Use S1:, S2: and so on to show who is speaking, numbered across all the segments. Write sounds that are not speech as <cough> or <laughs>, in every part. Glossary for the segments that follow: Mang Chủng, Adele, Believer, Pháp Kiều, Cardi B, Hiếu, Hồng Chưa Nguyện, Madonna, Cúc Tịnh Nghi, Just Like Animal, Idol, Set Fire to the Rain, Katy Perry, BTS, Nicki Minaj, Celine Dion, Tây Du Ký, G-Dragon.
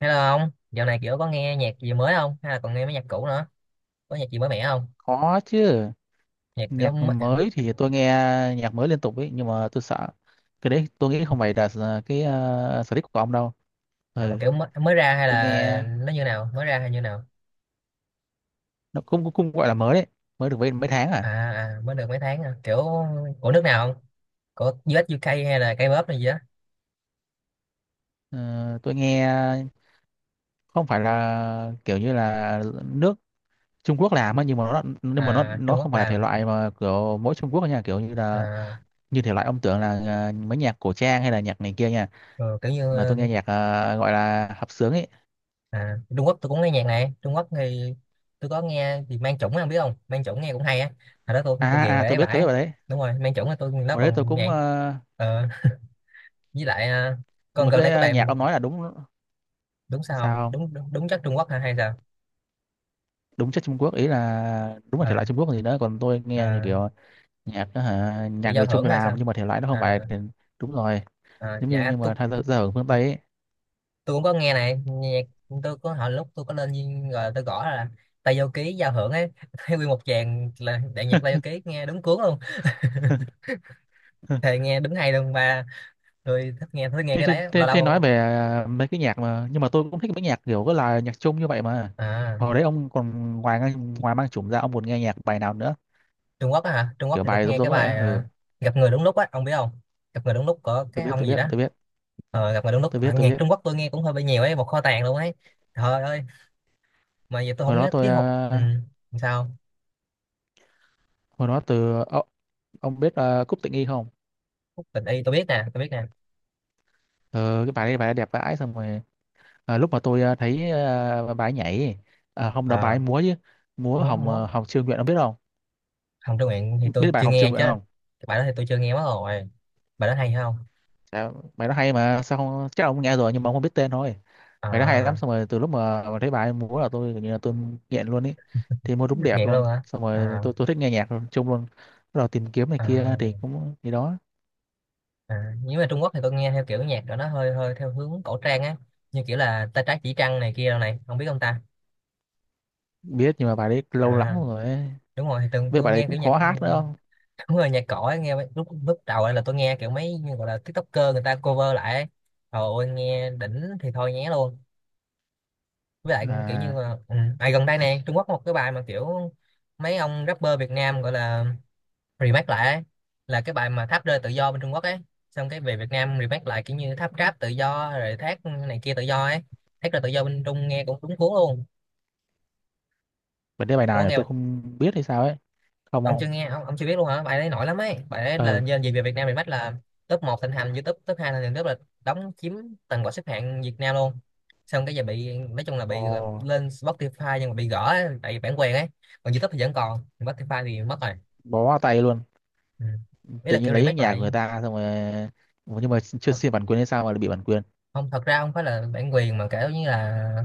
S1: Hello ông, dạo này kiểu có nghe nhạc gì mới không? Hay là còn nghe mấy nhạc cũ nữa? Có nhạc gì mới mẻ không?
S2: Có chứ,
S1: Nhạc kiểu
S2: nhạc
S1: mới,
S2: mới thì tôi nghe nhạc mới liên tục ấy, nhưng mà tôi sợ cái đấy tôi nghĩ không phải là sở thích của ông đâu.
S1: mà
S2: Ừ,
S1: kiểu mới ra hay
S2: tôi
S1: là
S2: nghe
S1: nó như nào? Mới ra hay như nào?
S2: nó cũng cũng gọi là mới đấy, mới được mấy mấy tháng
S1: À,
S2: à.
S1: à mới được mấy tháng à. Kiểu của nước nào không? Của US UK hay là K-pop này gì á?
S2: Ờ, tôi nghe không phải là kiểu như là nước Trung Quốc làm á, nhưng mà nó nhưng mà nó
S1: À,
S2: nó
S1: Trung
S2: không
S1: Quốc
S2: phải là thể
S1: làm.
S2: loại mà kiểu mỗi Trung Quốc nha, kiểu như là
S1: À,
S2: như thể loại ông tưởng là mấy nhạc cổ trang hay là nhạc này kia nha,
S1: ừ, kiểu như
S2: mà tôi nghe nhạc gọi là hợp xướng ấy.
S1: Trung Quốc tôi cũng nghe nhạc này. Trung Quốc thì tôi có nghe thì Mang Chủng không biết không? Mang Chủng nghe cũng hay á. Hồi đó tôi
S2: À
S1: ghiền
S2: à à,
S1: về
S2: tôi
S1: ấy
S2: biết, tôi biết
S1: vãi.
S2: rồi đấy.
S1: Đúng rồi, Mang Chủng là tôi nó
S2: Hồi đấy tôi
S1: còn nhạc.
S2: cũng
S1: Ờ, với lại
S2: nhưng
S1: còn
S2: mà
S1: gần đây
S2: cái
S1: có bài
S2: nhạc
S1: một
S2: ông nói là đúng
S1: đúng
S2: sao
S1: sao
S2: không
S1: đúng đúng, đúng chất Trung Quốc hả hay sao
S2: đúng chất Trung Quốc, ý là đúng là thể loại
S1: à,
S2: Trung Quốc gì đó, còn tôi nghe như
S1: à,
S2: kiểu nhạc đó hả,
S1: kiểu
S2: nhạc
S1: giao
S2: người
S1: hưởng
S2: Trung
S1: hay
S2: làm
S1: sao
S2: nhưng mà thể loại nó không
S1: à,
S2: phải thì đúng rồi, giống như
S1: dạ
S2: nhưng
S1: tôi
S2: mà thay ra
S1: tôi
S2: ra ở phương Tây ấy.
S1: tôi cũng có nghe này nhạc tôi có hồi lúc tôi có lên Duyên rồi tôi gõ là Tây Du Ký giao hưởng ấy <laughs> thấy nguyên một tràng là đại nhạc Tây Du Ký nghe đúng cuốn luôn thì
S2: <laughs>
S1: nghe đúng hay luôn ba tôi thích nghe
S2: thế,
S1: cái
S2: thế,
S1: đấy lâu
S2: thế, thế nói
S1: lâu.
S2: về mấy cái nhạc mà nhưng mà tôi cũng thích mấy nhạc kiểu có là nhạc Trung như vậy mà
S1: À,
S2: hồi đấy ông còn ngoài ngoài mang chủng ra ông còn nghe nhạc bài nào nữa,
S1: Trung Quốc á hả. Trung Quốc
S2: kiểu
S1: thì tôi
S2: bài
S1: có
S2: giống
S1: nghe
S2: giống
S1: cái
S2: như vậy á,
S1: bài
S2: ừ
S1: gặp người đúng lúc á, ông biết không? Gặp người đúng lúc của
S2: tôi
S1: cái
S2: biết
S1: ông
S2: tôi
S1: gì
S2: biết
S1: đó.
S2: tôi biết
S1: Gặp người đúng lúc.
S2: tôi
S1: Ờ,
S2: biết tôi
S1: nhạc
S2: biết
S1: Trung Quốc tôi nghe cũng hơi bị nhiều ấy, một kho tàng luôn ấy. Trời ơi, mà giờ tôi
S2: hồi
S1: không
S2: đó
S1: nhớ
S2: tôi
S1: tiết học ừ. Sao
S2: hồi đó từ ông biết Cúc Tịnh Nghi không?
S1: khúc tình y tôi biết nè, tôi biết nè.
S2: Ờ, cái bài đấy bài ấy đẹp vãi, xong rồi lúc mà tôi thấy bài ấy nhảy, không đó bài ấy
S1: À,
S2: múa chứ, múa
S1: múa
S2: Hồng
S1: múa
S2: Hồng Chưa Nguyện ông biết không,
S1: hồng trương nguyện thì
S2: biết
S1: tôi
S2: bài
S1: chưa
S2: Hồng Chưa
S1: nghe
S2: Nguyện
S1: chứ.
S2: không?
S1: Cái bài đó thì tôi chưa nghe mất rồi. Bài đó hay hay không?
S2: Dạ, bài nó hay mà sao không, chắc ông nghe rồi nhưng mà ông không biết tên thôi, bài nó hay lắm,
S1: À,
S2: xong rồi từ lúc mà thấy bài ấy múa là tôi kiểu như là tôi nghiện luôn ý, thì múa đúng đẹp
S1: nghiện
S2: luôn,
S1: luôn hả?
S2: xong rồi
S1: à,
S2: tôi thích nghe nhạc luôn, chung luôn, bắt đầu tìm kiếm này
S1: à,
S2: kia thì cũng gì đó.
S1: Nếu mà Trung Quốc thì tôi nghe theo kiểu nhạc của nó hơi hơi theo hướng cổ trang á, như kiểu là tay trái chỉ trăng này kia đâu này không biết không ta?
S2: Biết nhưng mà bài đấy lâu lắm
S1: À,
S2: rồi ấy.
S1: đúng rồi thì từng
S2: Với
S1: tôi
S2: bài đấy
S1: nghe
S2: cũng
S1: kiểu nhạc
S2: khó hát nữa không?
S1: <laughs> đúng rồi nhạc cổ ấy, nghe mấy- lúc lúc đầu ấy là tôi nghe kiểu mấy như gọi là TikToker người ta cover lại ấy. Trời ơi nghe đỉnh thì thôi nhé luôn. Với lại kiểu như
S2: À
S1: là ừ. Gần đây này Trung Quốc có một cái bài mà kiểu mấy ông rapper Việt Nam gọi là remake lại ấy. Là cái bài mà tháp rơi tự do bên Trung Quốc ấy, xong cái về Việt Nam remake lại kiểu như tháp rap tự do rồi thác này kia tự do ấy. Thác rơi tự do bên Trung nghe cũng đúng cuốn luôn.
S2: bài đấy bài
S1: Ông
S2: nào
S1: có
S2: nhỉ?
S1: nghe,
S2: Tôi không biết hay sao ấy, không
S1: ông
S2: không
S1: chưa nghe, ông chưa biết luôn hả? Bài đấy nổi lắm ấy, bài đấy là
S2: Ừ.
S1: nhân gì về Việt Nam Remake là top một thịnh hành YouTube, top 2 thịnh hành YouTube là đóng chiếm toàn bộ xếp hạng Việt Nam luôn. Xong cái giờ bị nói chung là
S2: Ồ,
S1: bị là lên Spotify nhưng mà bị gỡ ấy, tại vì bản quyền ấy. Còn YouTube thì vẫn còn, còn Spotify thì mất rồi.
S2: bó vào tay luôn.
S1: Ừ. Ý
S2: Tự
S1: là
S2: nhiên
S1: kiểu
S2: lấy
S1: remake
S2: nhà của
S1: lại.
S2: người ta xong rồi. Ủa, nhưng mà chưa
S1: Thật,
S2: xin bản quyền hay sao mà lại bị bản quyền.
S1: không thật ra không phải là bản quyền mà kiểu như là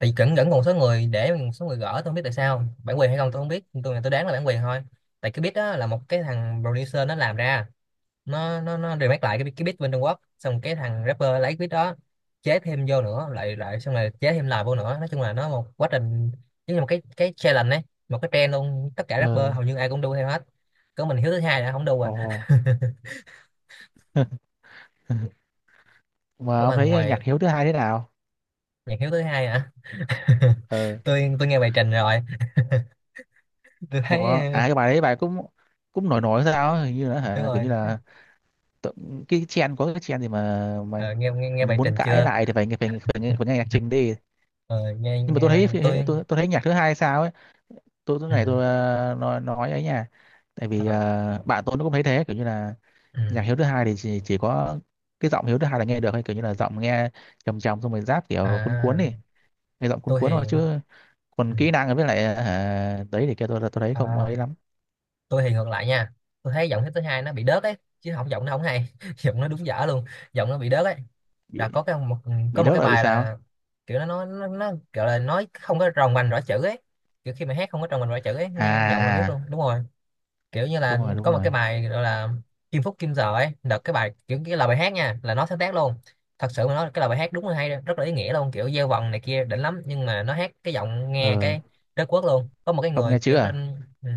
S1: bị cẩn cẩn một số người, để một số người gỡ, tôi không biết tại sao bản quyền hay không tôi không biết, tôi đoán là bản quyền thôi. Tại cái beat đó là một cái thằng producer nó làm ra, nó remake lại cái beat bên Trung Quốc, xong cái thằng rapper lấy beat đó chế thêm vô nữa lại lại xong rồi chế thêm lại vô nữa, nói chung là nó một quá trình giống như một cái challenge ấy, một cái trend luôn, tất cả rapper
S2: Ờ,
S1: hầu như ai cũng đu theo hết. Có mình Hiếu thứ hai đã không đu à.
S2: ồ.
S1: <laughs>
S2: <laughs> Mà
S1: Của
S2: ông
S1: mà
S2: thấy
S1: ngoài
S2: nhạc Hiếu thứ hai thế nào?
S1: nhạc Hiếu thứ hai hả? <laughs>
S2: Ờ,
S1: Tôi nghe bài trình rồi. Tôi
S2: ủa,
S1: thấy
S2: cái bài đấy bài cũng cũng nổi nổi sao ấy, hình như là
S1: đúng
S2: hả, kiểu
S1: rồi.
S2: như là tự- cái trend, có cái trend gì mà
S1: Ờ, nghe, nghe bài
S2: muốn
S1: trình
S2: cãi
S1: chưa?
S2: lại thì phải nghe nhạc trình đi.
S1: Ờ, nghe
S2: Nhưng mà tôi
S1: nghe bài-
S2: thấy
S1: tôi
S2: tôi thấy nhạc thứ hai sao ấy, tôi tôi
S1: ừ.
S2: này tôi ờ, nói ấy nha. Tại vì
S1: Ờ,
S2: bạn tôi nó cũng thấy thế, kiểu như là
S1: ừ.
S2: nhạc Hiếu thứ hai thì chỉ có cái giọng Hiếu thứ hai là nghe được hay, kiểu như là giọng nghe trầm trầm, xong rồi rap kiểu cuốn cuốn
S1: À
S2: đi, nghe giọng cuốn
S1: tôi
S2: cuốn thôi,
S1: thì
S2: chứ
S1: ừ.
S2: còn kỹ năng với lại đấy thì kia tôi thấy không
S1: À
S2: ấy lắm.
S1: tôi thì ngược lại nha. Tôi thấy giọng Hiếp thứ hai nó bị đớt ấy chứ không, giọng nó không hay <laughs> giọng nó đúng dở luôn, giọng nó bị đớt ấy. Đã
S2: bị
S1: có cái một,
S2: bị
S1: có một
S2: đớt
S1: cái
S2: là bị
S1: bài
S2: sao?
S1: là kiểu nó gọi là nói không có tròn vành rõ chữ ấy. Kiểu khi mà hát không có tròn vành rõ chữ ấy
S2: À
S1: nghe giọng là biết
S2: à,
S1: luôn đúng rồi. Kiểu như là
S2: đúng rồi đúng
S1: có một
S2: rồi.
S1: cái bài gọi là Kim Phúc Kim Giờ ấy, đợt cái bài kiểu cái lời bài hát nha là nó sáng tác luôn. Thật sự mà nói cái lời bài hát đúng là hay, rất là ý nghĩa luôn, kiểu gieo vần này kia đỉnh lắm, nhưng mà nó hát cái giọng nghe
S2: Ờ
S1: cái đất quốc luôn. Có một cái
S2: không
S1: người
S2: nghe chữ
S1: kiểu
S2: à.
S1: trên ừ,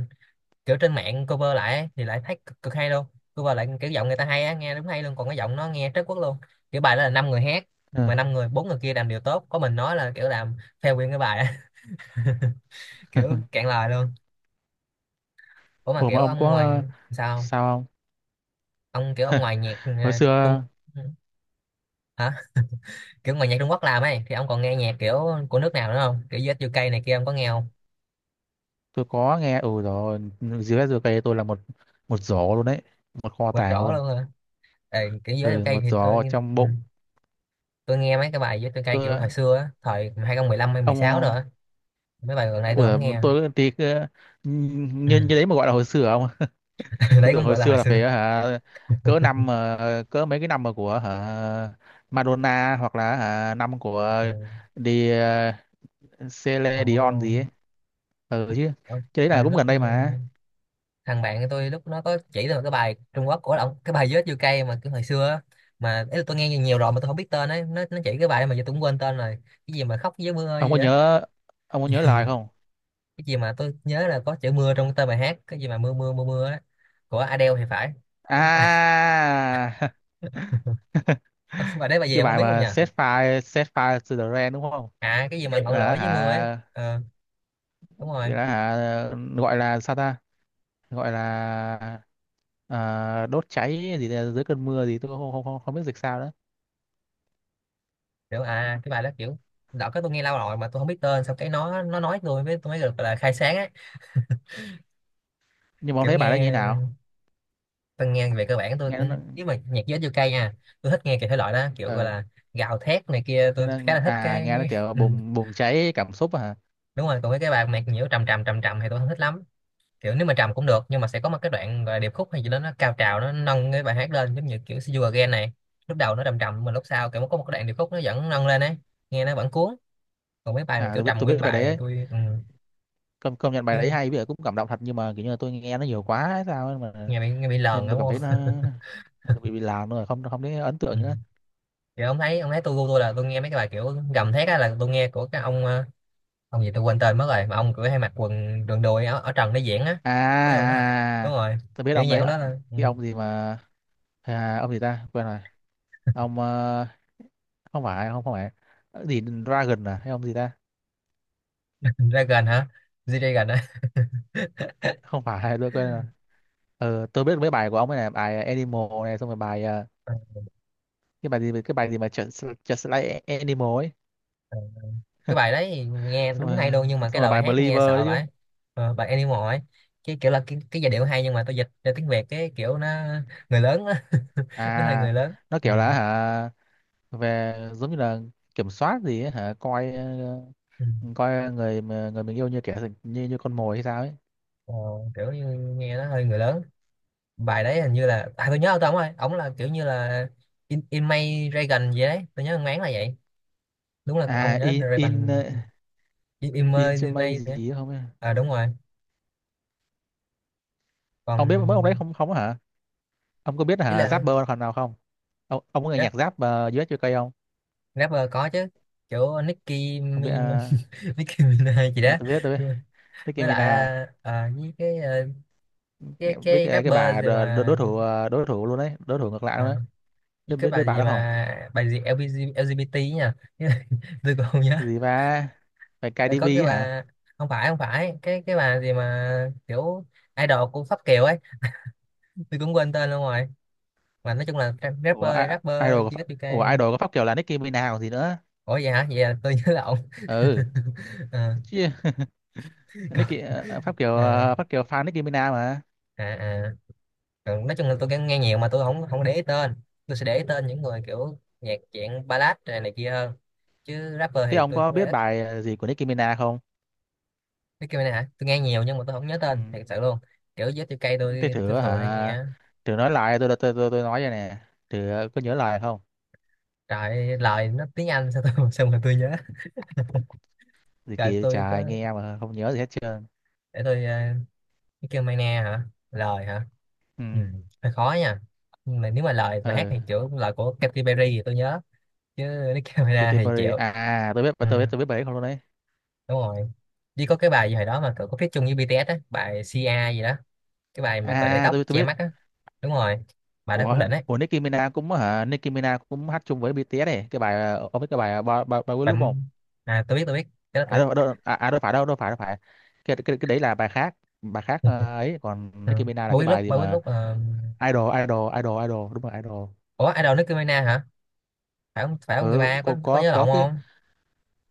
S1: kiểu trên mạng cover lại ấy, thì lại thấy cực hay luôn. Cover lại kiểu giọng người ta hay á nghe đúng hay luôn, còn cái giọng nó nghe trớt quốc luôn. Kiểu bài đó là năm người hát
S2: Ừ.
S1: mà năm người, bốn người kia làm điều tốt có mình nói là kiểu làm fail nguyên cái bài á. <laughs> Kiểu
S2: <laughs>
S1: cạn lời luôn. Ủa mà
S2: Ủa mà
S1: kiểu
S2: ông
S1: ông ngoài,
S2: có
S1: sao
S2: sao không,
S1: ông kiểu ông ngoài nhạc
S2: hồi
S1: trung
S2: xưa
S1: hả, kiểu ngoài nhạc Trung Quốc làm ấy thì ông còn nghe nhạc kiểu của nước nào nữa không, kiểu US UK này kia ông có nghe không?
S2: tôi có nghe ừ rồi, dưới dưới cây tôi là một một giỏ luôn đấy, một kho
S1: Và
S2: tàng
S1: rõ
S2: luôn.
S1: luôn hả? Ê, kiểu US
S2: Ừ
S1: UK
S2: một
S1: thì tôi
S2: giỏ trong
S1: ừ,
S2: bụng
S1: tôi nghe mấy cái bài US UK kiểu
S2: tôi
S1: hồi xưa á, thời 2015 hay 16 rồi
S2: ông.
S1: á, mấy bài gần đây tôi
S2: Ủa,
S1: không nghe. Ừ.
S2: như như đấy mà gọi là hồi xưa không? <laughs>
S1: <laughs>
S2: Tôi
S1: Đấy
S2: tưởng
S1: cũng
S2: hồi
S1: gọi là
S2: xưa
S1: hồi
S2: là
S1: xưa.
S2: phải hả cỡ năm cỡ mấy cái năm mà của hả Madonna, hoặc là hả, năm của
S1: Ừ.
S2: đi ờ, Celine Dion gì ấy.
S1: Còn
S2: Ừ chứ.
S1: ờ,
S2: Cái đấy là
S1: mà
S2: cũng
S1: lúc
S2: gần
S1: ừ,
S2: đây mà.
S1: thằng bạn của tôi lúc nó có chỉ tôi một cái bài Trung Quốc của ông cái bài Vết chưa Cây mà cái hồi xưa á. Mà ý là tôi nghe nhiều nhiều rồi mà tôi không biết tên ấy, nó chỉ cái bài mà giờ tôi cũng quên tên rồi. Cái gì mà khóc với mưa
S2: Ông
S1: gì
S2: có
S1: á.
S2: nhớ ông có nhớ lời không?
S1: Cái gì mà tôi nhớ là có chữ mưa trong tên bài hát, cái gì mà mưa mưa mưa mưa á, của Adele thì phải, đúng không?
S2: À <laughs>
S1: <laughs> Bài đấy bài gì
S2: cái
S1: ông không
S2: bài
S1: biết không nhỉ?
S2: mà Set Fire to the Rain đúng không?
S1: À cái gì mà ngọn lửa
S2: Là
S1: với mưa ấy,
S2: hả
S1: ờ đúng rồi.
S2: là hả gọi là sao ta? Gọi là đốt cháy gì đấy, dưới cơn mưa gì tôi không biết dịch sao nữa.
S1: Kiểu à cái bài đó kiểu đợt cái tôi nghe lâu rồi mà tôi không biết tên, sau cái nó nói tôi với tôi mới được là khai sáng á.
S2: Nhưng mà ông
S1: Kiểu
S2: thấy bài đó như thế
S1: nghe,
S2: nào,
S1: tôi nghe về cơ bản tôi
S2: nghe nó
S1: cũng, nếu mà nhạc giới u ca nha, tôi thích nghe cái thể loại đó kiểu gọi
S2: ờ
S1: là gào thét này kia
S2: nghe
S1: tôi
S2: nó
S1: khá là thích
S2: nghe nó
S1: cái <laughs>
S2: kiểu
S1: ừ,
S2: bùng bùng cháy cảm xúc à.
S1: đúng rồi. Còn mấy cái bài nhạc nhiễu trầm trầm thì tôi không thích lắm. Kiểu nếu mà trầm cũng được nhưng mà sẽ có một cái đoạn gọi là điệp khúc hay gì đó nó cao trào nó nâng cái bài hát lên, giống như kiểu See You Again này, lúc đầu nó trầm trầm mà lúc sau kiểu có một cái đoạn điệp khúc nó vẫn nâng lên ấy, nghe nó vẫn cuốn. Còn mấy bài mà
S2: À
S1: kiểu
S2: tôi biết,
S1: trầm
S2: tôi biết
S1: nguyên
S2: bài đấy
S1: bài
S2: ấy.
S1: tôi ừ,
S2: Công công nhận bài
S1: như
S2: đấy hay, bây giờ cũng cảm động thật, nhưng mà kiểu như là tôi nghe nó nhiều quá hay sao ấy mà,
S1: nghe bị, nghe bị lờn
S2: nên tôi
S1: đúng
S2: cảm thấy
S1: không?
S2: nó bị làm rồi, không không thấy ấn
S1: Ừ.
S2: tượng nữa.
S1: Kiểu ông thấy, ông thấy tôi gu tôi là tôi nghe mấy cái bài kiểu gầm thét á là tôi nghe của cái ông ông gì tôi quên tên mất rồi mà ông cứ hay mặc quần đường đùi ở trần để diễn á,
S2: À,
S1: với ông đó. <laughs>
S2: à à,
S1: Đúng
S2: à.
S1: rồi,
S2: Tôi biết
S1: kiểu
S2: ông
S1: nhạc
S2: đấy,
S1: ông đó là ừ.
S2: cái ông gì mà ông gì ta quên rồi, ông không phải không không phải. Ờ, gì Dragon à hay ông gì ta,
S1: <laughs> Dragon hả? G-Dragon á.
S2: không phải tôi quên rồi. Tôi biết mấy bài của ông ấy này, bài Animal này, xong rồi bài
S1: Ừ,
S2: cái bài gì mà Just Like Animal ấy.
S1: ừ. Cái bài đấy thì
S2: <laughs>
S1: nghe
S2: xong
S1: đúng
S2: rồi
S1: hay luôn nhưng mà
S2: xong
S1: cái
S2: rồi
S1: lời
S2: bài
S1: hát
S2: Believer
S1: nghe
S2: đấy
S1: sợ
S2: chứ.
S1: vậy. Ờ, bài Animal ấy, cái kiểu là cái giai điệu hay nhưng mà tôi dịch ra tiếng Việt cái kiểu nó người lớn á. <laughs> Nó hơi
S2: À
S1: người lớn.
S2: nó
S1: Ừ.
S2: kiểu là hả về giống như là kiểm soát gì ấy, hả coi
S1: Ừ.
S2: coi người mà- người mình yêu như kẻ như như con mồi hay sao ấy.
S1: Ờ, kiểu như nghe nó hơi người lớn. Bài đấy hình như là à tôi nhớ ông ta ông ơi ông là kiểu như là in May Dragon gì đấy tôi nhớ ông là vậy, đúng là
S2: À
S1: ông nhớ
S2: in
S1: Reagan. In May in
S2: intimate
S1: May đấy.
S2: gì ấy không ấy.
S1: À đúng rồi.
S2: Ông biết mấy
S1: Còn
S2: ông đấy không không hả, ông có biết
S1: ý
S2: hả
S1: là
S2: Zapper phần nào không, ông có nghe
S1: rap,
S2: nhạc Zap US UK không?
S1: rapper có chứ. Kiểu Nicki
S2: Không biết
S1: Mi-
S2: à,
S1: <laughs> Nicki Minaj gì
S2: à
S1: đó.
S2: tôi biết, tôi biết Nicki
S1: Với lại
S2: Minaj.
S1: với cái
S2: Biết
S1: cái
S2: cái, cái
S1: rapper
S2: bà
S1: gì
S2: đ- đ-
S1: mà
S2: đối thủ đối thủ luôn đấy, đối thủ ngược lại luôn
S1: à,
S2: đấy,
S1: với
S2: biết,
S1: cái
S2: biết, biết
S1: bài
S2: bà
S1: gì
S2: đó không?
S1: mà bài gì LGBT nha <laughs> tôi còn không nhớ.
S2: Cái gì ba, phải
S1: Ờ,
S2: Cardi B
S1: có cái
S2: ấy hả?
S1: bà, không phải không phải cái bà gì mà kiểu idol của Pháp Kiều ấy, tôi cũng quên tên luôn rồi, mà nói chung là ra- rapper
S2: Idol
S1: rapper
S2: của Pháp- ủa
S1: GSUK.
S2: idol của Pháp Kiều là Nicki Minaj còn gì nữa.
S1: Ủa vậy hả, vậy là tôi nhớ lộn. <laughs>
S2: Ừ
S1: Ờ,
S2: chứ. <laughs>
S1: còn,
S2: Nicki
S1: ờ,
S2: Pháp Kiều fan Nicki Minaj mà.
S1: à, à. Còn nói chung là tôi nghe nghe nhiều mà tôi không không để ý tên, tôi sẽ để ý tên những người kiểu nhạc dạng ballad này, này kia hơn, chứ rapper
S2: Thế
S1: thì
S2: ông
S1: tôi
S2: có
S1: cũng
S2: biết
S1: ít.
S2: bài gì của Nicki Minaj không?
S1: Cái kia này hả, tôi nghe nhiều nhưng mà tôi không nhớ tên
S2: Ừ.
S1: thật sự luôn. Kiểu GSUK
S2: Thế
S1: tôi
S2: thử
S1: thường hay
S2: hả,
S1: nghe.
S2: thử nói lại tôi tôi nói vậy nè. Thử có nhớ lại không?
S1: Trời lời nó tiếng Anh sao tôi <laughs> sao mà tôi nhớ.
S2: Gì
S1: Rồi
S2: kỳ
S1: tôi
S2: trời,
S1: có,
S2: nghe mà không nhớ gì hết trơn.
S1: để tôi cái kêu Mai Na hả? Lời hả?
S2: Ừ.
S1: Ừ, hơi khó nha. Nhưng mà nếu mà lời và hát
S2: Ừ
S1: thì kiểu lời của Katy Perry thì tôi nhớ, chứ nếu kêu Mai Na
S2: Katy
S1: thì chịu.
S2: Perry à, tôi biết,
S1: Ừ,
S2: tôi biết bài ấy không luôn đấy.
S1: đúng rồi. Chỉ có cái bài gì hồi đó mà cậu có feat chung với BTS á, bài CA gì đó, cái bài mà cậu để
S2: À
S1: tóc
S2: tôi
S1: che
S2: biết
S1: mắt á, đúng rồi. Bài đó
S2: của
S1: cũng đỉnh ấy.
S2: Nicki Minaj cũng hả, Nicki Minaj cũng hát chung với BTS này, cái bài ông biết cái bài ba ba ba
S1: Bài
S2: lúc không.
S1: à tôi biết, tôi biết, cái đó
S2: À
S1: tôi biết.
S2: đâu đâu à, à đâu phải cái, cái đấy là bài khác, bài khác
S1: <laughs>
S2: ấy, còn
S1: Ừ.
S2: Nicki Minaj là
S1: Bà
S2: cái
S1: biết lúc
S2: bài gì
S1: bao biết
S2: mà
S1: lúc ờ,
S2: Idol Idol Idol Idol đúng rồi Idol.
S1: ủa idol Nicki Minaj hả? Phải không phải không? Người
S2: Ừ
S1: ba
S2: có
S1: có
S2: có
S1: nhớ
S2: có
S1: lộn
S2: cái
S1: không?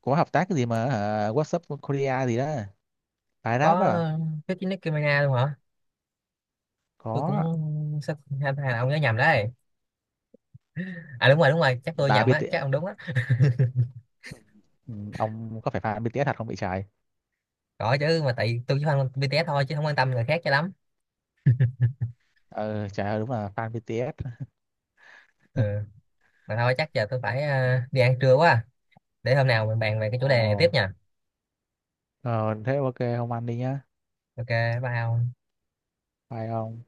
S2: có hợp tác cái gì mà hả, What's up Korea gì đó, bài rap đó
S1: Có
S2: à?
S1: feat với Nicki Minaj luôn hả? Tôi
S2: Có
S1: cũng sắp hay hai là ông nhớ nhầm đấy. À đúng rồi chắc tôi
S2: là
S1: nhầm á, chắc
S2: BTS.
S1: ông đúng á.
S2: Ừ, ông có phải fan BTS thật không bị trái?
S1: Gọi chứ mà tại tôi chỉ quan BTS thôi chứ không quan tâm người khác cho lắm.
S2: Ờ trời ơi đúng là fan BTS.
S1: Ừ. Mà thôi chắc giờ tôi phải đi ăn trưa quá, để hôm nào mình bàn về cái chủ đề này tiếp
S2: Ồ,
S1: nha.
S2: ờ, thế ok không ăn đi nhá.
S1: OK, bye ông.
S2: Bye ông.